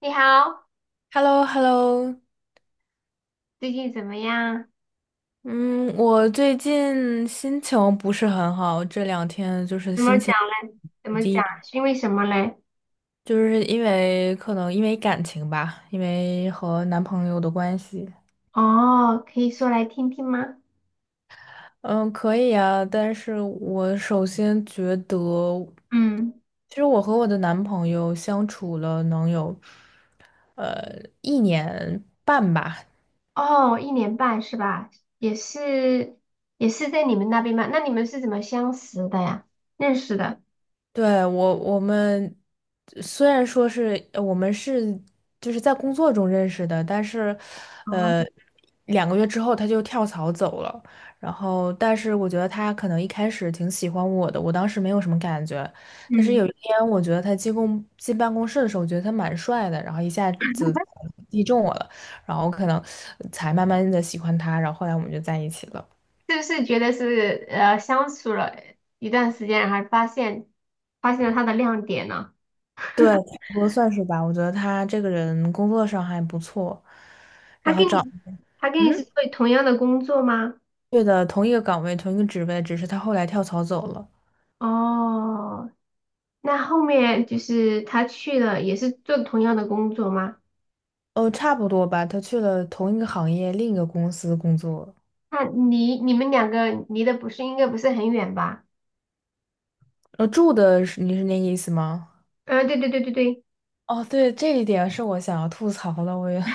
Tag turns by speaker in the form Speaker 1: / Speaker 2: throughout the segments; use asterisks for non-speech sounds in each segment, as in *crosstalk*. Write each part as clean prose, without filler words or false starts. Speaker 1: 你好，
Speaker 2: h e l l o hello
Speaker 1: 最近怎么样？
Speaker 2: 嗯，我最近心情不是很好，这两天就是
Speaker 1: 怎么
Speaker 2: 心
Speaker 1: 讲
Speaker 2: 情
Speaker 1: 嘞？怎么讲？
Speaker 2: 低，
Speaker 1: 是因为什么嘞？
Speaker 2: 就是因为可能因为感情吧，因为和男朋友的关系。
Speaker 1: 哦，可以说来听听吗？
Speaker 2: 嗯，可以啊，但是我首先觉得，
Speaker 1: 嗯，
Speaker 2: 其实我和我的男朋友相处了能有，呃，一年半吧。
Speaker 1: 哦，一年半是吧？也是，也是在你们那边吗？那你们是怎么相识的呀？认识的？
Speaker 2: 对，我们虽然说是我们是就是在工作中认识的，但是呃
Speaker 1: 哦，
Speaker 2: 2个月之后他就跳槽走了。然后，但是我觉得他可能一开始挺喜欢我的，我当时没有什么感觉。但是
Speaker 1: 嗯，
Speaker 2: 有一天，我觉得他进办公室的时候，我觉得他蛮帅的，然后一下子击中我了，然后可能才慢慢的喜欢他，然后后来我们就在一起了。
Speaker 1: 是不是觉得是相处了一段时间，然后发现了他的亮点呢？
Speaker 2: 对，差
Speaker 1: *laughs*
Speaker 2: 不多算是吧。我觉得他这个人工作上还不错。
Speaker 1: 他跟你他跟你
Speaker 2: 嗯。
Speaker 1: 是做同样的工作吗？
Speaker 2: 对的，同一个岗位，同一个职位，只是他后来跳槽走了。
Speaker 1: 哦。那后面就是他去了，也是做同样的工作吗？
Speaker 2: 差不多吧，他去了同一个行业，另一个公司工作。
Speaker 1: 那离你们两个离的不是应该不是很远吧？
Speaker 2: 住的是你是那个意思吗？
Speaker 1: 嗯，对对对对对，
Speaker 2: 哦，对，这一点是我想要吐槽的，我也 *laughs*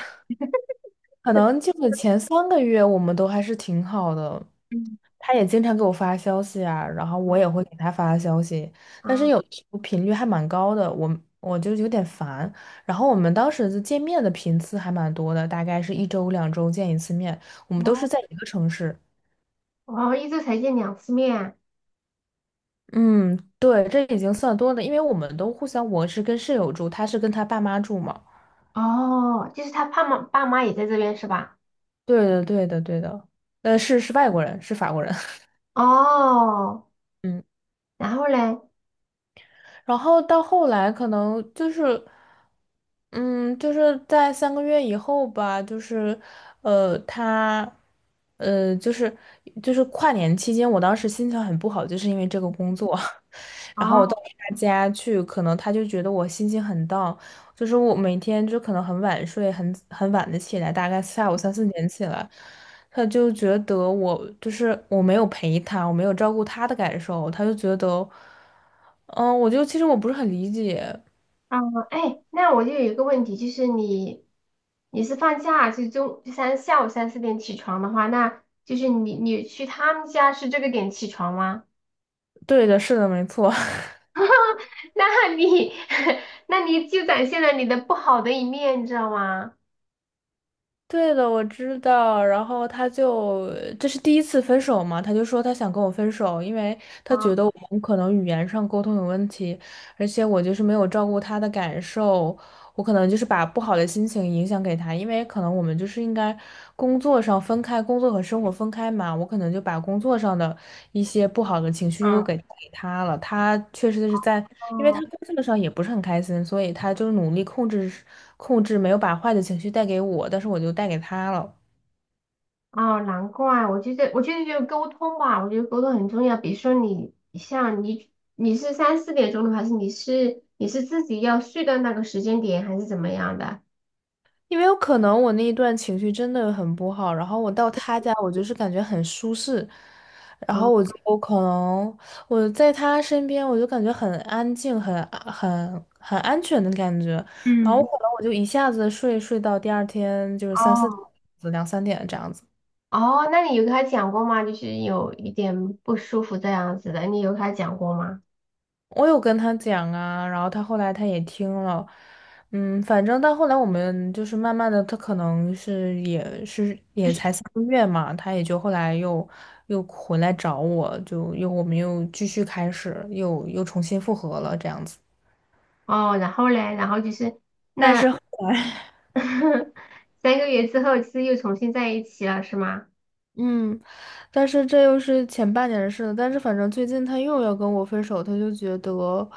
Speaker 2: 可能就是前3个月我们都还是挺好的，
Speaker 1: 嗯，
Speaker 2: 他也经常给我发消息啊，然后我也会给他发消息，但是
Speaker 1: 啊，
Speaker 2: 有时候频率还蛮高的，我就有点烦。然后我们当时就见面的频次还蛮多的，大概是一周两周见一次面，我们都是
Speaker 1: 哦，
Speaker 2: 在一个城市。
Speaker 1: 哦，一周才见两次面，
Speaker 2: 嗯，对，这已经算多的，因为我们都互相，我是跟室友住，他是跟他爸妈住嘛。
Speaker 1: 哦，就是他爸妈也在这边是吧？
Speaker 2: 对的，对的，对的。是是外国人，是法国人。
Speaker 1: 哦，
Speaker 2: *laughs* 嗯。
Speaker 1: 然后嘞，
Speaker 2: 然后到后来可能就是，嗯，就是在三个月以后吧，就是，呃，他，就是跨年期间，我当时心情很不好，就是因为这个工作，*laughs* 然后我
Speaker 1: 哦，
Speaker 2: 到他家去，可能他就觉得我心情很 down,就是我每天就可能很晚睡，很晚的起来，大概下午三四点起来，他就觉得我就是我没有陪他，我没有照顾他的感受，他就觉得，嗯，我就其实我不是很理解。
Speaker 1: 啊，哎，那我就有一个问题，就是你是放假是中就三下午三四点起床的话，那就是你去他们家是这个点起床吗？
Speaker 2: 对的，是的，没错，
Speaker 1: 那你 *laughs* 那你就展现了你的不好的一面，你知道吗？
Speaker 2: *laughs* 对的，我知道。然后他就这是第一次分手嘛，他就说他想跟我分手，因为他觉
Speaker 1: 啊，
Speaker 2: 得我们可能语言上沟通有问题，而且我就是没有照顾他的感受。我可能就是把不好的心情影响给他，因为可能我们就是应该工作上分开，工作和生活分开嘛。我可能就把工作上的一些不好的情绪又
Speaker 1: 嗯，
Speaker 2: 给他了。他确实是在，因为他
Speaker 1: 哦
Speaker 2: 工作上也不是很开心，所以他就努力控制控制，没有把坏的情绪带给我，但是我就带给他了。
Speaker 1: 哦，难怪，我觉得就沟通吧，我觉得沟通很重要。比如说你像你是三四点钟的，还是你是自己要睡到那个时间点，还是怎么样的？
Speaker 2: 因为有可能我那一段情绪真的很不好，然后我到他家，我就是感觉很舒适，然后
Speaker 1: 嗯
Speaker 2: 我就我可能我在他身边，我就感觉很安静，很安全的感觉，然后我
Speaker 1: 嗯，
Speaker 2: 可能我就一下子睡到第二天就是三
Speaker 1: 哦，
Speaker 2: 四点两三点这样子。
Speaker 1: 哦，那你有跟他讲过吗？就是有一点不舒服这样子的，你有跟他讲过吗？
Speaker 2: 我有跟他讲啊，然后他后来他也听了，反正到后来我们就是慢慢的，他可能是也是
Speaker 1: 就
Speaker 2: 也
Speaker 1: 是
Speaker 2: 才三个月嘛，他也就后来又回来找我，就又我们又继续开始，又重新复合了这样子。
Speaker 1: 哦，然后嘞，然后就是
Speaker 2: 但是
Speaker 1: 那
Speaker 2: 后来，
Speaker 1: *laughs* 三个月之后，是又重新在一起了，是吗？
Speaker 2: 嗯，但是这又是前半年的事了。但是反正最近他又要跟我分手，他就觉得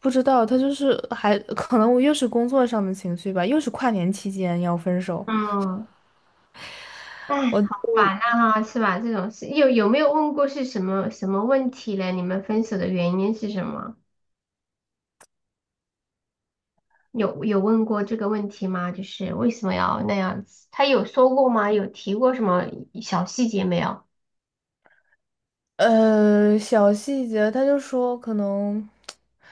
Speaker 2: 不知道，他就是还可能我又是工作上的情绪吧，又是跨年期间要分手。
Speaker 1: 嗯，哎，
Speaker 2: 我
Speaker 1: 好烦呐哈，是吧？这种事有没有问过是什么问题嘞？你们分手的原因是什么？有问过这个问题吗？就是为什么要那样子？他有说过吗？有提过什么小细节没有？
Speaker 2: 小细节，他就说可能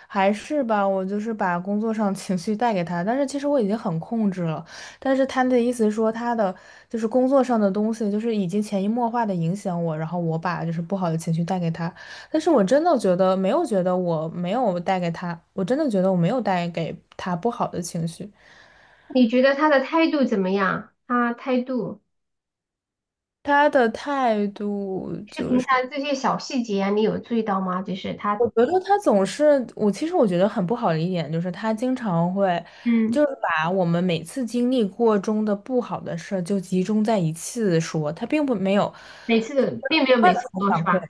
Speaker 2: 还是吧，我就是把工作上情绪带给他，但是其实我已经很控制了。但是他的意思是说，他的就是工作上的东西，就是已经潜移默化的影响我，然后我把就是不好的情绪带给他。但是我真的觉得没有觉得我没有带给他，我真的觉得我没有带给他不好的情绪。
Speaker 1: 你觉得他的态度怎么样？他态度
Speaker 2: 他的态度。
Speaker 1: 就是
Speaker 2: 就
Speaker 1: 平
Speaker 2: 是。
Speaker 1: 常这些小细节啊，你有注意到吗？就是他，
Speaker 2: 我觉得他总是，我其实我觉得很不好的一点就是他经常会，
Speaker 1: 嗯，
Speaker 2: 就是把我们每次经历过中的不好的事儿就集中在一次说，他并不没有
Speaker 1: 每次都并没有
Speaker 2: 换
Speaker 1: 每
Speaker 2: 一
Speaker 1: 次
Speaker 2: 种
Speaker 1: 说，是
Speaker 2: 反馈，
Speaker 1: 吧？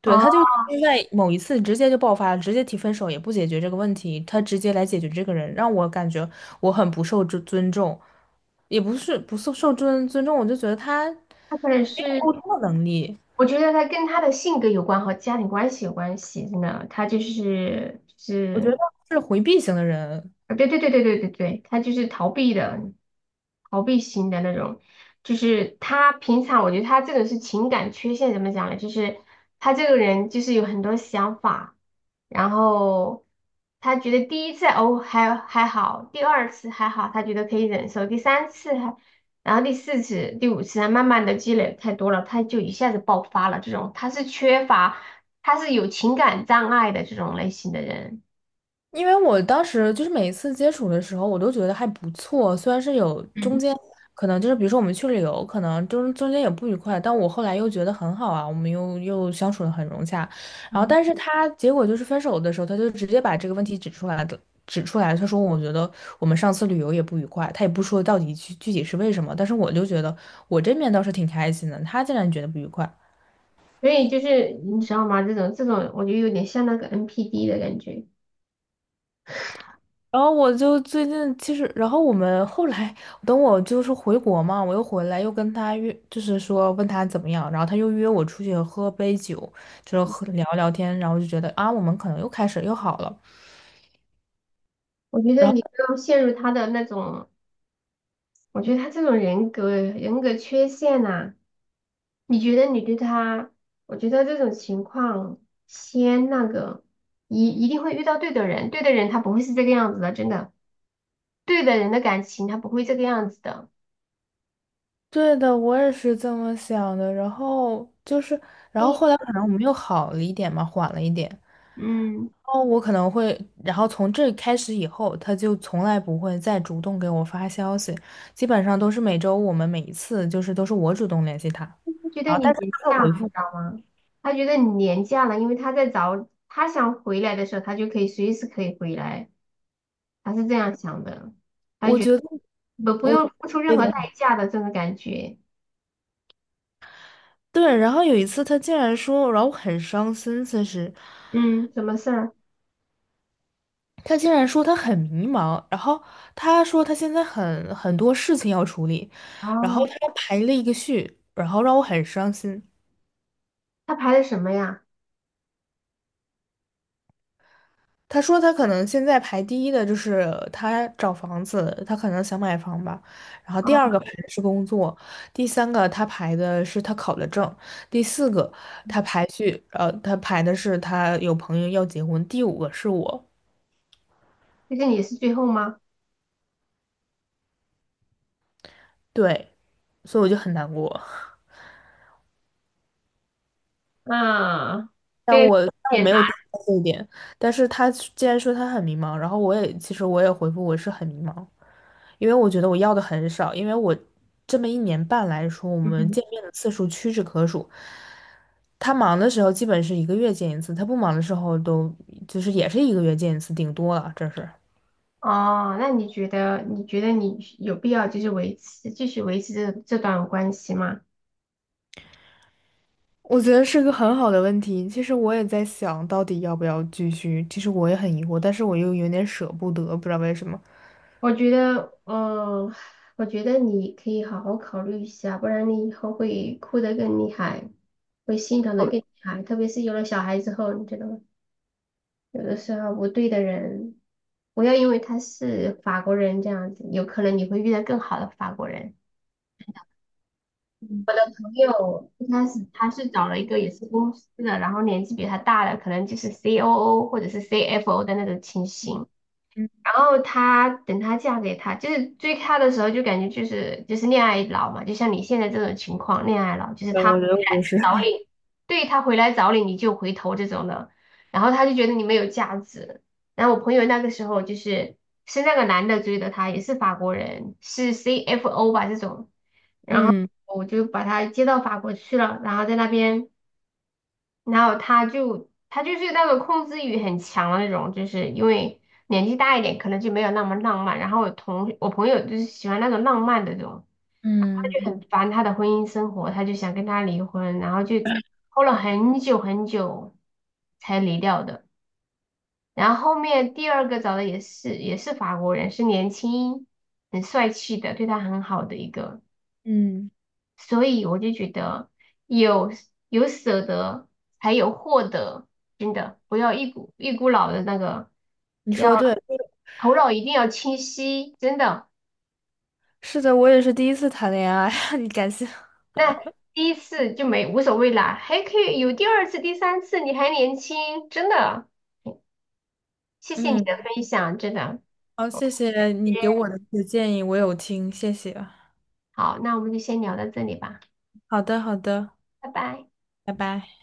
Speaker 2: 对，
Speaker 1: 哦，
Speaker 2: 他就在某一次直接就爆发了，直接提分手也不解决这个问题，他直接来解决这个人，让我感觉我很不受尊重，也不是不受尊重，我就觉得他
Speaker 1: 他可能是。
Speaker 2: 沟通的能力，
Speaker 1: 我觉得他跟他的性格有关和家庭关系有关系，真的，他就是就
Speaker 2: 我觉得
Speaker 1: 是，
Speaker 2: 是回避型的人，
Speaker 1: 啊，对对对对对对对，他就是逃避的，逃避型的那种。就是他平常，我觉得他这个是情感缺陷，怎么讲呢？就是他这个人就是有很多想法，然后他觉得第一次还好，第二次还好，他觉得可以忍受，第三次还，然后第四次、第五次啊，他慢慢的积累太多了，他就一下子爆发了。这种他是缺乏，他是有情感障碍的这种类型的人。
Speaker 2: 因为我当时就是每一次接触的时候，我都觉得还不错，虽然是有中
Speaker 1: 嗯
Speaker 2: 间可能就是比如说我们去旅游，可能中间有不愉快，但我后来又觉得很好啊，我们又相处的很融洽。然后，
Speaker 1: 嗯。
Speaker 2: 但是他结果就是分手的时候，他就直接把这个问题指出来的，指出来，他说我觉得我们上次旅游也不愉快，他也不说到底体是为什么，但是我就觉得我这面倒是挺开心的，他竟然觉得不愉快。
Speaker 1: 所以就是你知道吗？这种，我觉得有点像那个 NPD 的感觉。
Speaker 2: 然后我就最近其实，然后我们后来等我就是回国嘛，我又回来又跟他约，就是说问他怎么样，然后他又约我出去喝杯酒，就是喝聊聊天，然后就觉得啊，我们可能又开始又好了。
Speaker 1: 我觉得你不要陷入他的那种，我觉得他这种人格缺陷呐、你觉得你对他，我觉得这种情况先那个，一定会遇到对的人，对的人他不会是这个样子的，真的，对的人的感情他不会这个样子的。
Speaker 2: 对的，我也是这么想的。然后就是，然
Speaker 1: 嘿，
Speaker 2: 后后来可能我们又好了一点嘛，缓了一点。
Speaker 1: 嗯，
Speaker 2: 然后我可能会，然后从这开始以后，他就从来不会再主动给我发消息，基本上都是每周我们每一次就是都是我主动联系他，
Speaker 1: 他觉得
Speaker 2: 然后
Speaker 1: 你
Speaker 2: 但是
Speaker 1: 廉
Speaker 2: 他
Speaker 1: 价了，
Speaker 2: 会回
Speaker 1: 你
Speaker 2: 复。
Speaker 1: 知道吗？他觉得你廉价了，因为他在找他想回来的时候，他就可以随时可以回来。他是这样想的，他
Speaker 2: 我
Speaker 1: 觉
Speaker 2: 觉
Speaker 1: 得
Speaker 2: 得
Speaker 1: 不不
Speaker 2: 我
Speaker 1: 用付出任
Speaker 2: 有
Speaker 1: 何代
Speaker 2: 点
Speaker 1: 价的这种感觉。
Speaker 2: 对，然后有一次他竟然说，然后我很伤心，其实。
Speaker 1: 嗯，什么事儿？
Speaker 2: 他竟然说他很迷茫，然后他说他现在很多事情要处理，然后
Speaker 1: 哦，
Speaker 2: 他排了一个序，然后让我很伤心。
Speaker 1: 他排的什么呀？
Speaker 2: 他说他可能现在排第一的就是他找房子，他可能想买房吧，然后第二
Speaker 1: 哦，
Speaker 2: 个排的是工作，第三个他排的是他考的证，第四个他排序，他排的是他有朋友要结婚，第五个是我，
Speaker 1: 就是你是最后吗？
Speaker 2: 对，所以我就很难过。
Speaker 1: 啊，
Speaker 2: 但
Speaker 1: 对，
Speaker 2: 我但我
Speaker 1: 也
Speaker 2: 没
Speaker 1: 难。
Speaker 2: 有提到这一点，但是他既然说他很迷茫，然后我也其实我也回复我是很迷茫，因为我觉得我要的很少，因为我这么一年半来说，我们
Speaker 1: 嗯，
Speaker 2: 见面的次数屈指可数。他忙的时候基本是一个月见一次，他不忙的时候都就是也是一个月见一次，顶多了，这是。
Speaker 1: 哦，那你觉得你有必要就是继续维持这段关系吗？
Speaker 2: 我觉得是个很好的问题。其实我也在想，到底要不要继续。其实我也很疑惑，但是我又有点舍不得，不知道为什么。
Speaker 1: 我觉得，嗯、我觉得你可以好好考虑一下，不然你以后会哭得更厉害，会心疼得更厉害，特别是有了小孩之后，你知道吗？有的时候不对的人，不要因为他是法国人这样子，有可能你会遇到更好的法国人。朋友一开始他是找了一个也是公司的，然后年纪比他大的，可能就是 COO 或者是 CFO 的那种情形。
Speaker 2: 嗯，
Speaker 1: 然后她等她嫁给他，就是追他的时候就感觉就是恋爱脑嘛，就像你现在这种情况，恋爱脑就是
Speaker 2: 对
Speaker 1: 他回
Speaker 2: 我觉得我
Speaker 1: 来
Speaker 2: 也是。
Speaker 1: 找你，对他回来找你你就回头这种的，然后他就觉得你没有价值。然后我朋友那个时候就是是那个男的追的他，也是法国人，是 CFO 吧这种，
Speaker 2: 嗯。
Speaker 1: 我就把他接到法国去了，然后在那边。然后他就是那种控制欲很强的那种，就是因为年纪大一点，可能就没有那么浪漫。然后我同我朋友就是喜欢那种浪漫的这种，他
Speaker 2: 嗯。
Speaker 1: 就很烦他的婚姻生活，他就想跟他离婚，然后就拖了很久才离掉的。然后后面第二个找的也是法国人，是年轻很帅气的，对他很好的一个。
Speaker 2: 嗯，
Speaker 1: 所以我就觉得有有舍得才有获得，真的不要一股脑的那个，
Speaker 2: 你
Speaker 1: 要
Speaker 2: 说对，这个
Speaker 1: 头脑一定要清晰，真的。
Speaker 2: 是的，我也是第一次谈恋爱，*laughs* 你感谢。
Speaker 1: 那第一次就没无所谓啦，还可以有第二次、第三次，你还年轻，真的。谢谢你的
Speaker 2: 嗯，
Speaker 1: 分享，真的。
Speaker 2: 好，谢谢你给我的这些建议，我有听，谢谢。
Speaker 1: 好，那我们就先聊到这里吧，
Speaker 2: 好的，好的，
Speaker 1: 拜拜。
Speaker 2: 拜拜。